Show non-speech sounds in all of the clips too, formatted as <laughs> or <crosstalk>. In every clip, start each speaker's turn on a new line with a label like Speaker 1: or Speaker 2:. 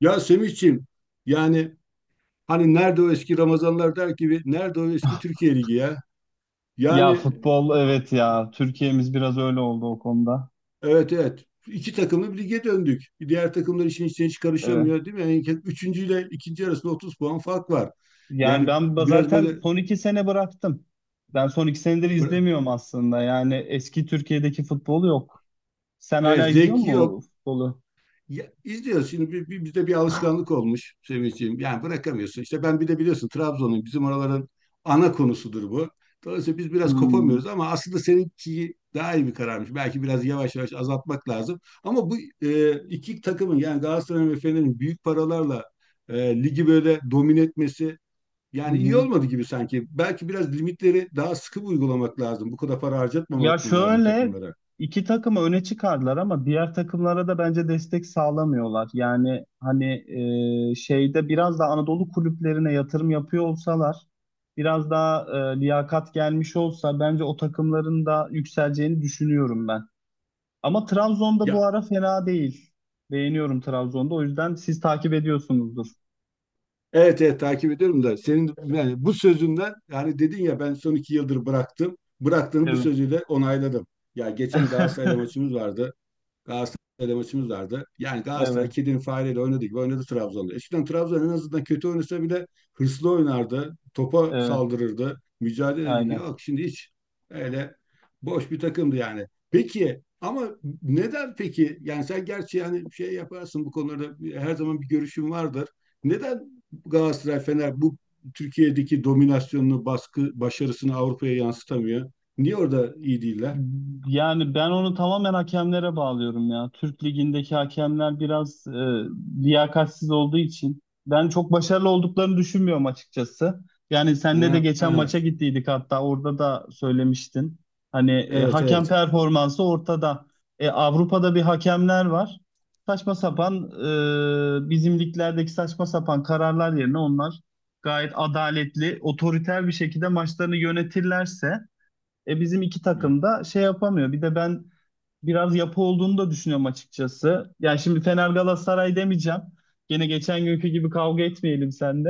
Speaker 1: Ya Semihciğim, yani hani nerede o eski Ramazanlar der gibi nerede o eski Türkiye Ligi ya?
Speaker 2: Ya
Speaker 1: Yani
Speaker 2: futbol evet ya. Türkiye'miz biraz öyle oldu o konuda.
Speaker 1: evet, evet, iki takımlı bir lige döndük. Diğer takımlar işin içine hiç
Speaker 2: Evet.
Speaker 1: karışamıyor değil mi? Yani üçüncü ile ikinci arasında 30 puan fark var.
Speaker 2: Yani
Speaker 1: Yani
Speaker 2: ben
Speaker 1: biraz
Speaker 2: zaten
Speaker 1: böyle
Speaker 2: son iki sene bıraktım. Ben son iki senedir izlemiyorum aslında. Yani eski Türkiye'deki futbol yok. Sen
Speaker 1: evet,
Speaker 2: hala izliyor
Speaker 1: zevki
Speaker 2: musun
Speaker 1: yok.
Speaker 2: futbolu?
Speaker 1: Ya, izliyoruz. Şimdi bizde bir alışkanlık olmuş Sevinç'ciğim. Yani bırakamıyorsun. İşte ben bir de biliyorsun Trabzon'un bizim oraların ana konusudur bu. Dolayısıyla biz biraz
Speaker 2: Hmm.
Speaker 1: kopamıyoruz ama aslında seninki daha iyi bir kararmış. Belki biraz yavaş yavaş azaltmak lazım. Ama bu iki takımın yani Galatasaray ve Fener'in büyük paralarla ligi böyle domine etmesi
Speaker 2: Hı
Speaker 1: yani
Speaker 2: hı.
Speaker 1: iyi olmadı gibi sanki. Belki biraz limitleri daha sıkı uygulamak lazım. Bu kadar para
Speaker 2: Ya
Speaker 1: harcatmamak mı lazım
Speaker 2: şöyle
Speaker 1: takımlara?
Speaker 2: iki takımı öne çıkardılar ama diğer takımlara da bence destek sağlamıyorlar. Yani hani şeyde biraz da Anadolu kulüplerine yatırım yapıyor olsalar, biraz daha liyakat gelmiş olsa bence o takımların da yükseleceğini düşünüyorum ben. Ama Trabzon'da bu
Speaker 1: Ya,
Speaker 2: ara fena değil. Beğeniyorum Trabzon'da. O yüzden siz takip ediyorsunuzdur.
Speaker 1: evet, evet, takip ediyorum da senin yani bu sözünden, yani dedin ya ben son iki yıldır bıraktım. Bıraktığını bu
Speaker 2: Evet.
Speaker 1: sözüyle onayladım. Ya geçen Galatasaray'la
Speaker 2: <laughs>
Speaker 1: maçımız vardı. Galatasaray'da maçımız vardı. Yani Galatasaray
Speaker 2: Evet,
Speaker 1: kedinin fareyle oynadı gibi oynadı Trabzon'da. Eskiden Trabzon en azından kötü oynasa bile hırslı oynardı. Topa
Speaker 2: evet,
Speaker 1: saldırırdı. Mücadele ederdi.
Speaker 2: aynen.
Speaker 1: Yok şimdi hiç öyle boş bir takımdı yani. Peki ama neden peki? Yani sen gerçi yani şey yaparsın bu konularda, her zaman bir görüşün vardır. Neden Galatasaray Fener bu Türkiye'deki dominasyonunu, baskı, başarısını Avrupa'ya yansıtamıyor? Niye orada iyi değiller?
Speaker 2: Yani ben onu tamamen hakemlere bağlıyorum ya. Türk Ligi'ndeki hakemler biraz liyakatsiz olduğu için ben çok başarılı olduklarını düşünmüyorum açıkçası. Yani senle de
Speaker 1: Ha,
Speaker 2: geçen maça gittiydik hatta orada da söylemiştin. Hani
Speaker 1: evet,
Speaker 2: hakem
Speaker 1: evet.
Speaker 2: performansı ortada. Avrupa'da bir hakemler var. Saçma sapan bizim liglerdeki saçma sapan kararlar yerine onlar gayet adaletli, otoriter bir şekilde maçlarını yönetirlerse bizim iki takım da şey yapamıyor. Bir de ben biraz yapı olduğunu da düşünüyorum açıkçası. Yani şimdi Fener Galatasaray demeyeceğim. Gene geçen günkü gibi kavga etmeyelim sende.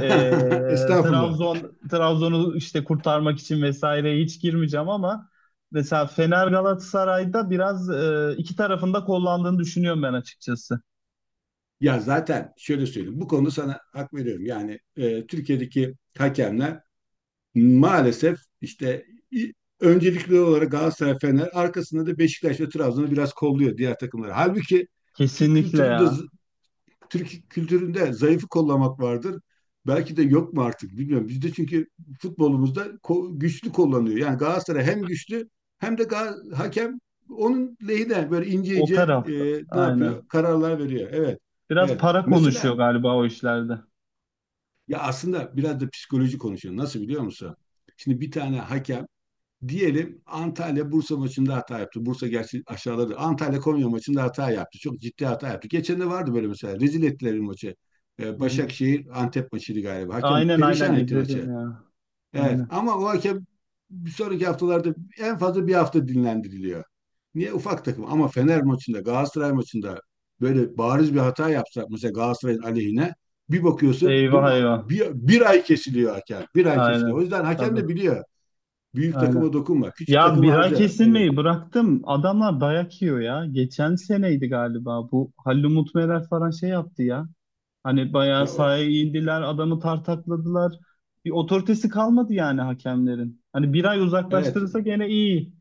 Speaker 2: E,
Speaker 1: Estağfurullah.
Speaker 2: Trabzon Trabzon'u işte kurtarmak için vesaire hiç girmeyeceğim ama mesela Fener Galatasaray'da biraz iki tarafında kollandığını düşünüyorum ben açıkçası.
Speaker 1: Ya zaten şöyle söyleyeyim. Bu konuda sana hak veriyorum. Yani Türkiye'deki hakemler maalesef işte i- öncelikli olarak Galatasaray, Fener, arkasında da Beşiktaş ve Trabzon'u biraz kolluyor, diğer takımları. Halbuki Türk
Speaker 2: Kesinlikle
Speaker 1: kültürü de
Speaker 2: ya.
Speaker 1: Türk kültüründe zayıfı kollamak vardır. Belki de yok mu artık bilmiyorum. Bizde çünkü futbolumuzda güçlü kullanıyor. Yani Galatasaray hem güçlü hem de hakem onun lehine böyle ince
Speaker 2: O
Speaker 1: ince e,
Speaker 2: tarafta.
Speaker 1: ne yapıyor?
Speaker 2: Aynen.
Speaker 1: Kararlar veriyor. Evet.
Speaker 2: Biraz
Speaker 1: Evet.
Speaker 2: para konuşuyor
Speaker 1: Mesela
Speaker 2: galiba o işlerde.
Speaker 1: ya aslında biraz da psikoloji konuşuyor. Nasıl biliyor musun? Şimdi bir tane hakem, diyelim Antalya Bursa maçında hata yaptı. Bursa gerçi aşağıladı. Antalya Konya maçında hata yaptı. Çok ciddi hata yaptı. Geçen de vardı böyle mesela. Rezil ettiler bir maçı.
Speaker 2: Hı hı.
Speaker 1: Başakşehir Antep maçıydı galiba. Hakem
Speaker 2: Aynen, aynen
Speaker 1: perişan etti
Speaker 2: izledim
Speaker 1: maçı.
Speaker 2: ya.
Speaker 1: Evet,
Speaker 2: Aynen.
Speaker 1: ama o hakem bir sonraki haftalarda en fazla bir hafta dinlendiriliyor. Niye ufak takım ama Fener maçında Galatasaray maçında böyle bariz bir hata yapsa, mesela Galatasaray'ın aleyhine, bir bakıyorsun değil
Speaker 2: Eyvah,
Speaker 1: mi?
Speaker 2: eyvah.
Speaker 1: Bir ay kesiliyor hakem. Bir ay kesiliyor. O
Speaker 2: Aynen.
Speaker 1: yüzden hakem
Speaker 2: Tabii.
Speaker 1: de biliyor. Büyük
Speaker 2: Aynen.
Speaker 1: takıma dokunma. Küçük
Speaker 2: Ya
Speaker 1: takımı
Speaker 2: bira
Speaker 1: harca. Yani,
Speaker 2: kesilmeyi bıraktım. Adamlar dayak yiyor ya. Geçen seneydi galiba bu. Halil Umut Meler falan şey yaptı ya. Hani
Speaker 1: e,
Speaker 2: bayağı sahaya indiler. Adamı tartakladılar. Bir otoritesi kalmadı yani hakemlerin. Hani bir ay
Speaker 1: evet.
Speaker 2: uzaklaştırırsa gene iyi.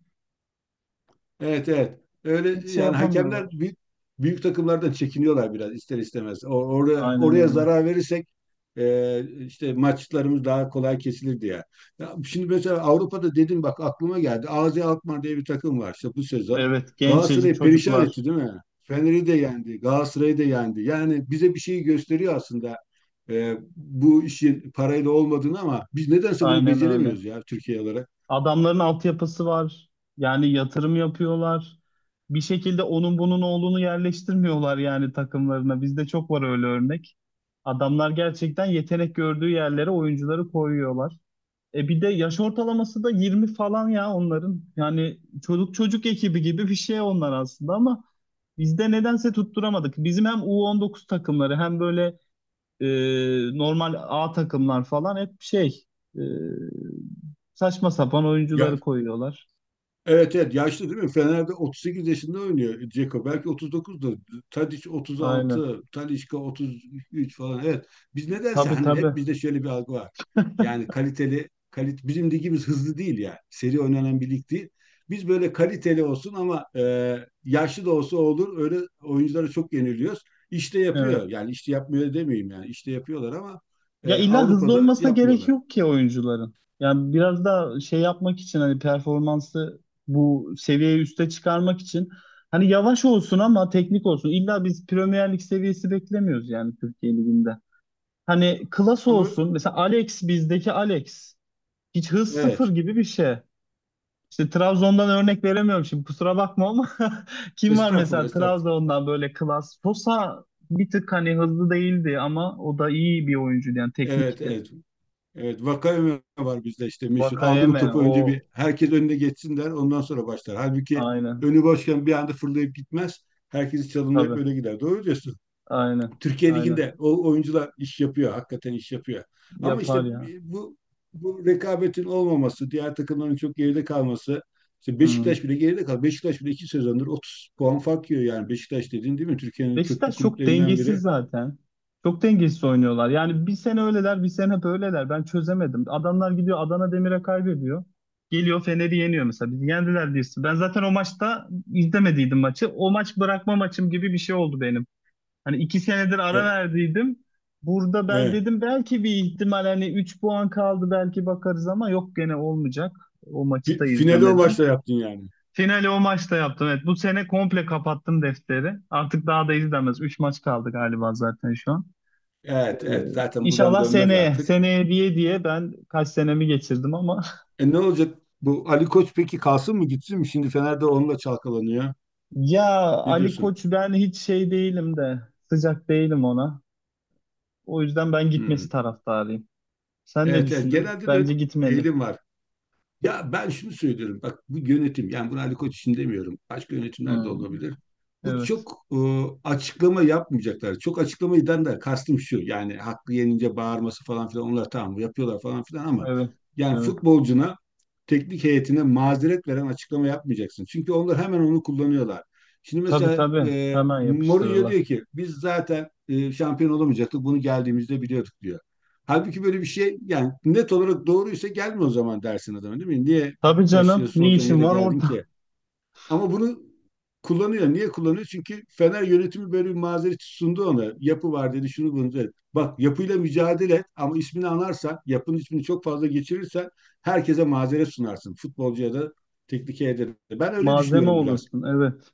Speaker 1: Evet, evet. Öyle
Speaker 2: Hiç şey
Speaker 1: yani hakemler
Speaker 2: yapamıyorlar.
Speaker 1: büyük takımlardan çekiniyorlar biraz ister istemez. Orada
Speaker 2: Aynen
Speaker 1: oraya
Speaker 2: öyle.
Speaker 1: zarar verirsek işte maçlarımız daha kolay kesilir diye. Ya şimdi mesela Avrupa'da dedim, bak aklıma geldi. AZ Alkmaar diye bir takım var işte bu sezon.
Speaker 2: Evet. Gençecik
Speaker 1: Galatasaray'ı perişan etti
Speaker 2: çocuklar.
Speaker 1: değil mi? Fener'i de yendi, Galatasaray'ı da yendi. Yani bize bir şey gösteriyor aslında, bu işin parayla olmadığını, ama biz nedense bunu
Speaker 2: Aynen öyle.
Speaker 1: beceremiyoruz ya Türkiye olarak.
Speaker 2: Adamların altyapısı var. Yani yatırım yapıyorlar. Bir şekilde onun bunun oğlunu yerleştirmiyorlar yani takımlarına. Bizde çok var öyle örnek. Adamlar gerçekten yetenek gördüğü yerlere oyuncuları koyuyorlar. Bir de yaş ortalaması da 20 falan ya onların. Yani çocuk çocuk ekibi gibi bir şey onlar aslında ama bizde nedense tutturamadık. Bizim hem U19 takımları hem böyle e, normal A takımlar falan hep şey e, saçma sapan
Speaker 1: Ya,
Speaker 2: oyuncuları koyuyorlar.
Speaker 1: evet, evet, yaşlı değil mi? Fener'de 38 yaşında oynuyor Dzeko. Belki 39'da. Tadic
Speaker 2: Aynen.
Speaker 1: 36, Talisca 33 falan. Evet. Biz nedense
Speaker 2: Tabii,
Speaker 1: hani hep
Speaker 2: tabii.
Speaker 1: bizde şöyle bir algı var. Yani kaliteli kalit bizim ligimiz hızlı değil ya. Seri oynanan bir lig değil. Biz böyle kaliteli olsun ama yaşlı da olsa olur. Öyle oyunculara çok yeniliyoruz. İşte
Speaker 2: Evet.
Speaker 1: yapıyor. Yani işte yapmıyor demeyeyim yani. İşte yapıyorlar ama
Speaker 2: Ya illa hızlı
Speaker 1: Avrupa'da
Speaker 2: olmasına gerek
Speaker 1: yapmıyorlar.
Speaker 2: yok ki oyuncuların. Yani biraz da şey yapmak için hani performansı bu seviyeyi üste çıkarmak için hani yavaş olsun ama teknik olsun. İlla biz Premier Lig seviyesi beklemiyoruz yani Türkiye Ligi'nde. Hani klas
Speaker 1: Ama
Speaker 2: olsun. Mesela Alex, bizdeki Alex hiç hız, sıfır
Speaker 1: evet.
Speaker 2: gibi bir şey. İşte Trabzon'dan örnek veremiyorum şimdi kusura bakma ama <laughs> kim var
Speaker 1: Estağfurullah,
Speaker 2: mesela
Speaker 1: estağfurullah.
Speaker 2: Trabzon'dan böyle klas? Sosa bir tık hani hızlı değildi ama o da iyi bir oyuncuydu yani
Speaker 1: Evet,
Speaker 2: teknikti.
Speaker 1: evet. Evet, vaka öme var bizde işte meşhur. Aldı mı
Speaker 2: Vakayeme
Speaker 1: topu
Speaker 2: o,
Speaker 1: önce bir herkes önüne geçsin der, ondan sonra başlar. Halbuki
Speaker 2: aynen,
Speaker 1: önü boşken bir anda fırlayıp gitmez. Herkesi çalımlayıp
Speaker 2: tabii,
Speaker 1: öyle gider. Doğru diyorsun.
Speaker 2: aynen,
Speaker 1: Türkiye
Speaker 2: aynen
Speaker 1: Ligi'nde o oyuncular iş yapıyor, hakikaten iş yapıyor. Ama
Speaker 2: yapar
Speaker 1: işte
Speaker 2: ya.
Speaker 1: bu, bu rekabetin olmaması, diğer takımların çok geride kalması, işte
Speaker 2: Hı.
Speaker 1: Beşiktaş bile geride kaldı. Beşiktaş bile iki sezondur 30 puan fark yiyor, yani Beşiktaş dediğin değil mi? Türkiye'nin köklü
Speaker 2: Beşiktaş çok
Speaker 1: kulüplerinden
Speaker 2: dengesiz
Speaker 1: biri.
Speaker 2: zaten. Çok dengesiz oynuyorlar. Yani bir sene öyleler, bir sene böyleler. Ben çözemedim. Adamlar gidiyor Adana Demir'e kaybediyor. Geliyor Fener'i yeniyor mesela. Bizi yendiler diyorsun. Ben zaten o maçta izlemediydim maçı. O maç bırakma maçım gibi bir şey oldu benim. Hani iki senedir
Speaker 1: E,
Speaker 2: ara verdiydim. Burada ben
Speaker 1: e,
Speaker 2: dedim belki bir ihtimal hani 3 puan kaldı belki bakarız ama yok gene olmayacak. O maçı da
Speaker 1: Finali o maçla
Speaker 2: izlemedim.
Speaker 1: yaptın yani.
Speaker 2: Finali o maçta yaptım. Evet, bu sene komple kapattım defteri. Artık daha da izlemez. 3 maç kaldı galiba zaten şu an. Ee,
Speaker 1: Evet, evet, zaten buradan
Speaker 2: İnşallah
Speaker 1: dönmez
Speaker 2: seneye,
Speaker 1: artık.
Speaker 2: seneye diye diye ben kaç senemi geçirdim ama
Speaker 1: E ne olacak bu Ali Koç peki, kalsın mı gitsin mi? Şimdi Fener'de onunla çalkalanıyor.
Speaker 2: <laughs> ya
Speaker 1: Ne
Speaker 2: Ali
Speaker 1: diyorsun?
Speaker 2: Koç, ben hiç şey değilim de sıcak değilim ona. O yüzden ben gitmesi
Speaker 1: Hmm.
Speaker 2: taraftarıyım. Sen ne
Speaker 1: Evet, evet,
Speaker 2: düşünüyorsun?
Speaker 1: genelde de öyle
Speaker 2: Bence
Speaker 1: bir
Speaker 2: gitmeli.
Speaker 1: eğilim var. Ya ben şunu söylüyorum. Bak bu yönetim, yani bunu Ali Koç için demiyorum. Başka yönetimler de
Speaker 2: Hmm.
Speaker 1: olabilir. Bu
Speaker 2: Evet,
Speaker 1: çok açıklama yapmayacaklar. Çok açıklama eden de kastım şu. Yani haklı yenince bağırması falan filan onlar tamam yapıyorlar falan filan ama
Speaker 2: evet,
Speaker 1: yani
Speaker 2: evet.
Speaker 1: futbolcuna, teknik heyetine mazeret veren açıklama yapmayacaksın. Çünkü onlar hemen onu kullanıyorlar. Şimdi
Speaker 2: Tabii,
Speaker 1: mesela
Speaker 2: tabii. Hemen
Speaker 1: Mourinho
Speaker 2: yapıştırırlar.
Speaker 1: diyor ki biz zaten şampiyon olamayacaktık. Bunu geldiğimizde biliyorduk diyor. Halbuki böyle bir şey, yani net olarak doğruysa gelme o zaman dersin adama değil mi? Niye
Speaker 2: Tabii canım.
Speaker 1: başarısız
Speaker 2: Ne
Speaker 1: olacağın
Speaker 2: işin
Speaker 1: yere
Speaker 2: var
Speaker 1: geldin
Speaker 2: orada?
Speaker 1: ki? Ama bunu kullanıyor. Niye kullanıyor? Çünkü Fener yönetimi böyle bir mazeret sundu ona. Yapı var dedi, şunu bunu dedi. Bak yapıyla mücadele et ama ismini anarsan, yapının ismini çok fazla geçirirsen herkese mazeret sunarsın. Futbolcuya da, teknik heyete de. Ben
Speaker 2: <laughs>
Speaker 1: öyle
Speaker 2: Malzeme
Speaker 1: düşünüyorum biraz.
Speaker 2: olursun. Evet.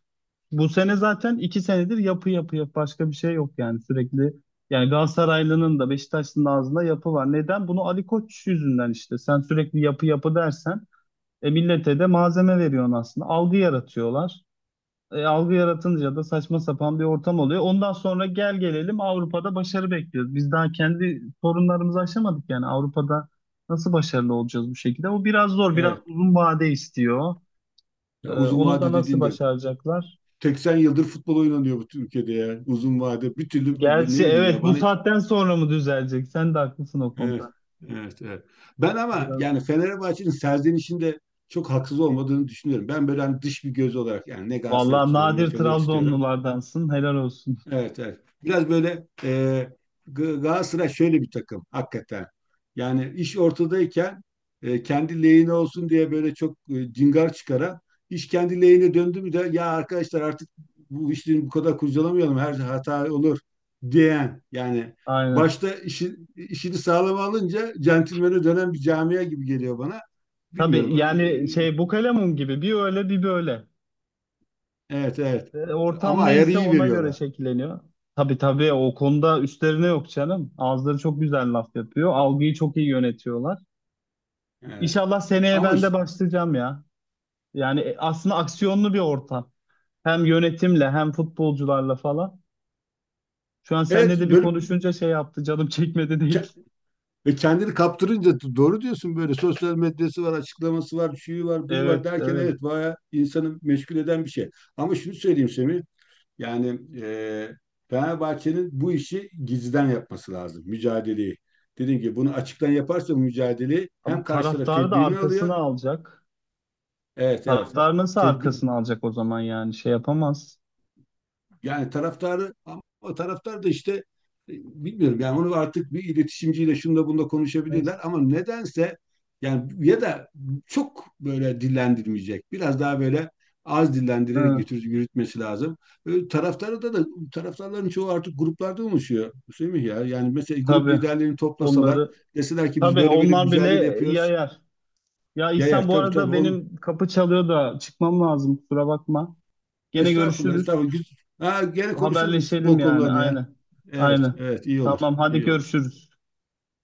Speaker 2: Bu sene zaten iki senedir yapı, yapı, yapı başka bir şey yok yani sürekli. Yani Galatasaraylı'nın da Beşiktaşlı'nın da ağzında yapı var. Neden? Bunu Ali Koç yüzünden işte. Sen sürekli yapı yapı dersen millete de malzeme veriyorsun aslında. Algı yaratıyorlar. Algı yaratınca da saçma sapan bir ortam oluyor. Ondan sonra gel gelelim Avrupa'da başarı bekliyoruz. Biz daha kendi sorunlarımızı aşamadık, yani Avrupa'da nasıl başarılı olacağız bu şekilde? O biraz zor, biraz
Speaker 1: Evet.
Speaker 2: uzun vade istiyor.
Speaker 1: Ya uzun
Speaker 2: Onu da
Speaker 1: vade
Speaker 2: nasıl
Speaker 1: dediğinde
Speaker 2: başaracaklar?
Speaker 1: 80 yıldır futbol oynanıyor bu ülkede ya. Uzun vade. Bir türlü
Speaker 2: Gerçi
Speaker 1: ne bileyim ya
Speaker 2: evet, bu
Speaker 1: bana hiç
Speaker 2: saatten sonra mı düzelecek? Sen de haklısın o
Speaker 1: evet,
Speaker 2: konuda.
Speaker 1: evet, evet. Ben ama
Speaker 2: Biraz zor.
Speaker 1: yani Fenerbahçe'nin serzenişinde çok haksız olmadığını düşünüyorum. Ben böyle hani dış bir göz olarak, yani ne Galatasaray'ı
Speaker 2: Vallahi
Speaker 1: tutuyorum ne
Speaker 2: nadir
Speaker 1: Fener'i tutuyorum.
Speaker 2: Trabzonlulardansın. Helal olsun.
Speaker 1: Evet, evet. Biraz böyle Galatasaray şöyle bir takım hakikaten. Yani iş ortadayken kendi lehine olsun diye böyle çok cingar çıkaran, iş kendi lehine döndü mü de ya arkadaşlar artık bu işleri bu kadar kurcalamayalım her şey hata olur diyen yani
Speaker 2: Aynen.
Speaker 1: başta işi, işini sağlam alınca centilmene dönen bir camia gibi geliyor bana.
Speaker 2: Tabii
Speaker 1: Bilmiyorum.
Speaker 2: yani
Speaker 1: E,
Speaker 2: şey, bu kalemun gibi bir öyle bir böyle.
Speaker 1: Evet, evet. Ama
Speaker 2: Ortam
Speaker 1: ayarı
Speaker 2: neyse
Speaker 1: iyi
Speaker 2: ona göre
Speaker 1: veriyorlar.
Speaker 2: şekilleniyor. Tabii, tabii, o konuda üstlerine yok canım. Ağızları çok güzel laf yapıyor. Algıyı çok iyi yönetiyorlar.
Speaker 1: Evet.
Speaker 2: İnşallah seneye
Speaker 1: Ama
Speaker 2: ben de
Speaker 1: işte,
Speaker 2: başlayacağım ya. Yani aslında aksiyonlu bir ortam. Hem yönetimle hem futbolcularla falan. Şu an
Speaker 1: evet,
Speaker 2: seninle de bir
Speaker 1: böyle
Speaker 2: konuşunca şey yaptı. Canım çekmedi değil.
Speaker 1: ve kendini kaptırınca doğru diyorsun, böyle sosyal medyası var, açıklaması var, şuyu var, buyu var
Speaker 2: Evet,
Speaker 1: derken,
Speaker 2: evet.
Speaker 1: evet, bayağı insanı meşgul eden bir şey. Ama şunu söyleyeyim Semih, yani Fenerbahçe'nin bu işi gizliden yapması lazım, mücadeleyi. Dediğim gibi bunu açıktan yaparsa bu mücadeleyi
Speaker 2: Ama
Speaker 1: hem karşı taraf
Speaker 2: taraftarı da
Speaker 1: tedbirini
Speaker 2: arkasına
Speaker 1: alıyor,
Speaker 2: alacak.
Speaker 1: evet, evet,
Speaker 2: Taraftar nasıl
Speaker 1: tedbir,
Speaker 2: arkasına alacak o zaman yani? Şey yapamaz.
Speaker 1: yani taraftarı ama taraftar da işte e, bilmiyorum yani onu artık bir iletişimciyle şunda bunda
Speaker 2: Neyse.
Speaker 1: konuşabilirler ama nedense yani ya da çok böyle dillendirmeyecek. Biraz daha böyle az dillendirerek
Speaker 2: Hı,
Speaker 1: götür, yürütmesi lazım. E, taraftarı da taraftarların çoğu artık gruplarda oluşuyor. Semih ya yani mesela grup
Speaker 2: tabii.
Speaker 1: liderlerini toplasalar,
Speaker 2: Onları,
Speaker 1: deseler ki biz
Speaker 2: tabii
Speaker 1: böyle böyle bir
Speaker 2: onlar bile
Speaker 1: mücadele yapıyoruz.
Speaker 2: yayar. Ya İhsan,
Speaker 1: Yayar
Speaker 2: bu
Speaker 1: tabii,
Speaker 2: arada
Speaker 1: tabii on,
Speaker 2: benim kapı çalıyor da çıkmam lazım. Kusura bakma. Gene
Speaker 1: Estağfurullah,
Speaker 2: görüşürüz.
Speaker 1: estağfurullah. Ha, gene konuşuruz bu
Speaker 2: Haberleşelim
Speaker 1: futbol
Speaker 2: yani.
Speaker 1: konularını ya.
Speaker 2: Aynen.
Speaker 1: Evet,
Speaker 2: Aynen.
Speaker 1: evet, iyi olur.
Speaker 2: Tamam, hadi
Speaker 1: iyi olur.
Speaker 2: görüşürüz.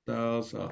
Speaker 1: Sağ ol, sağ ol.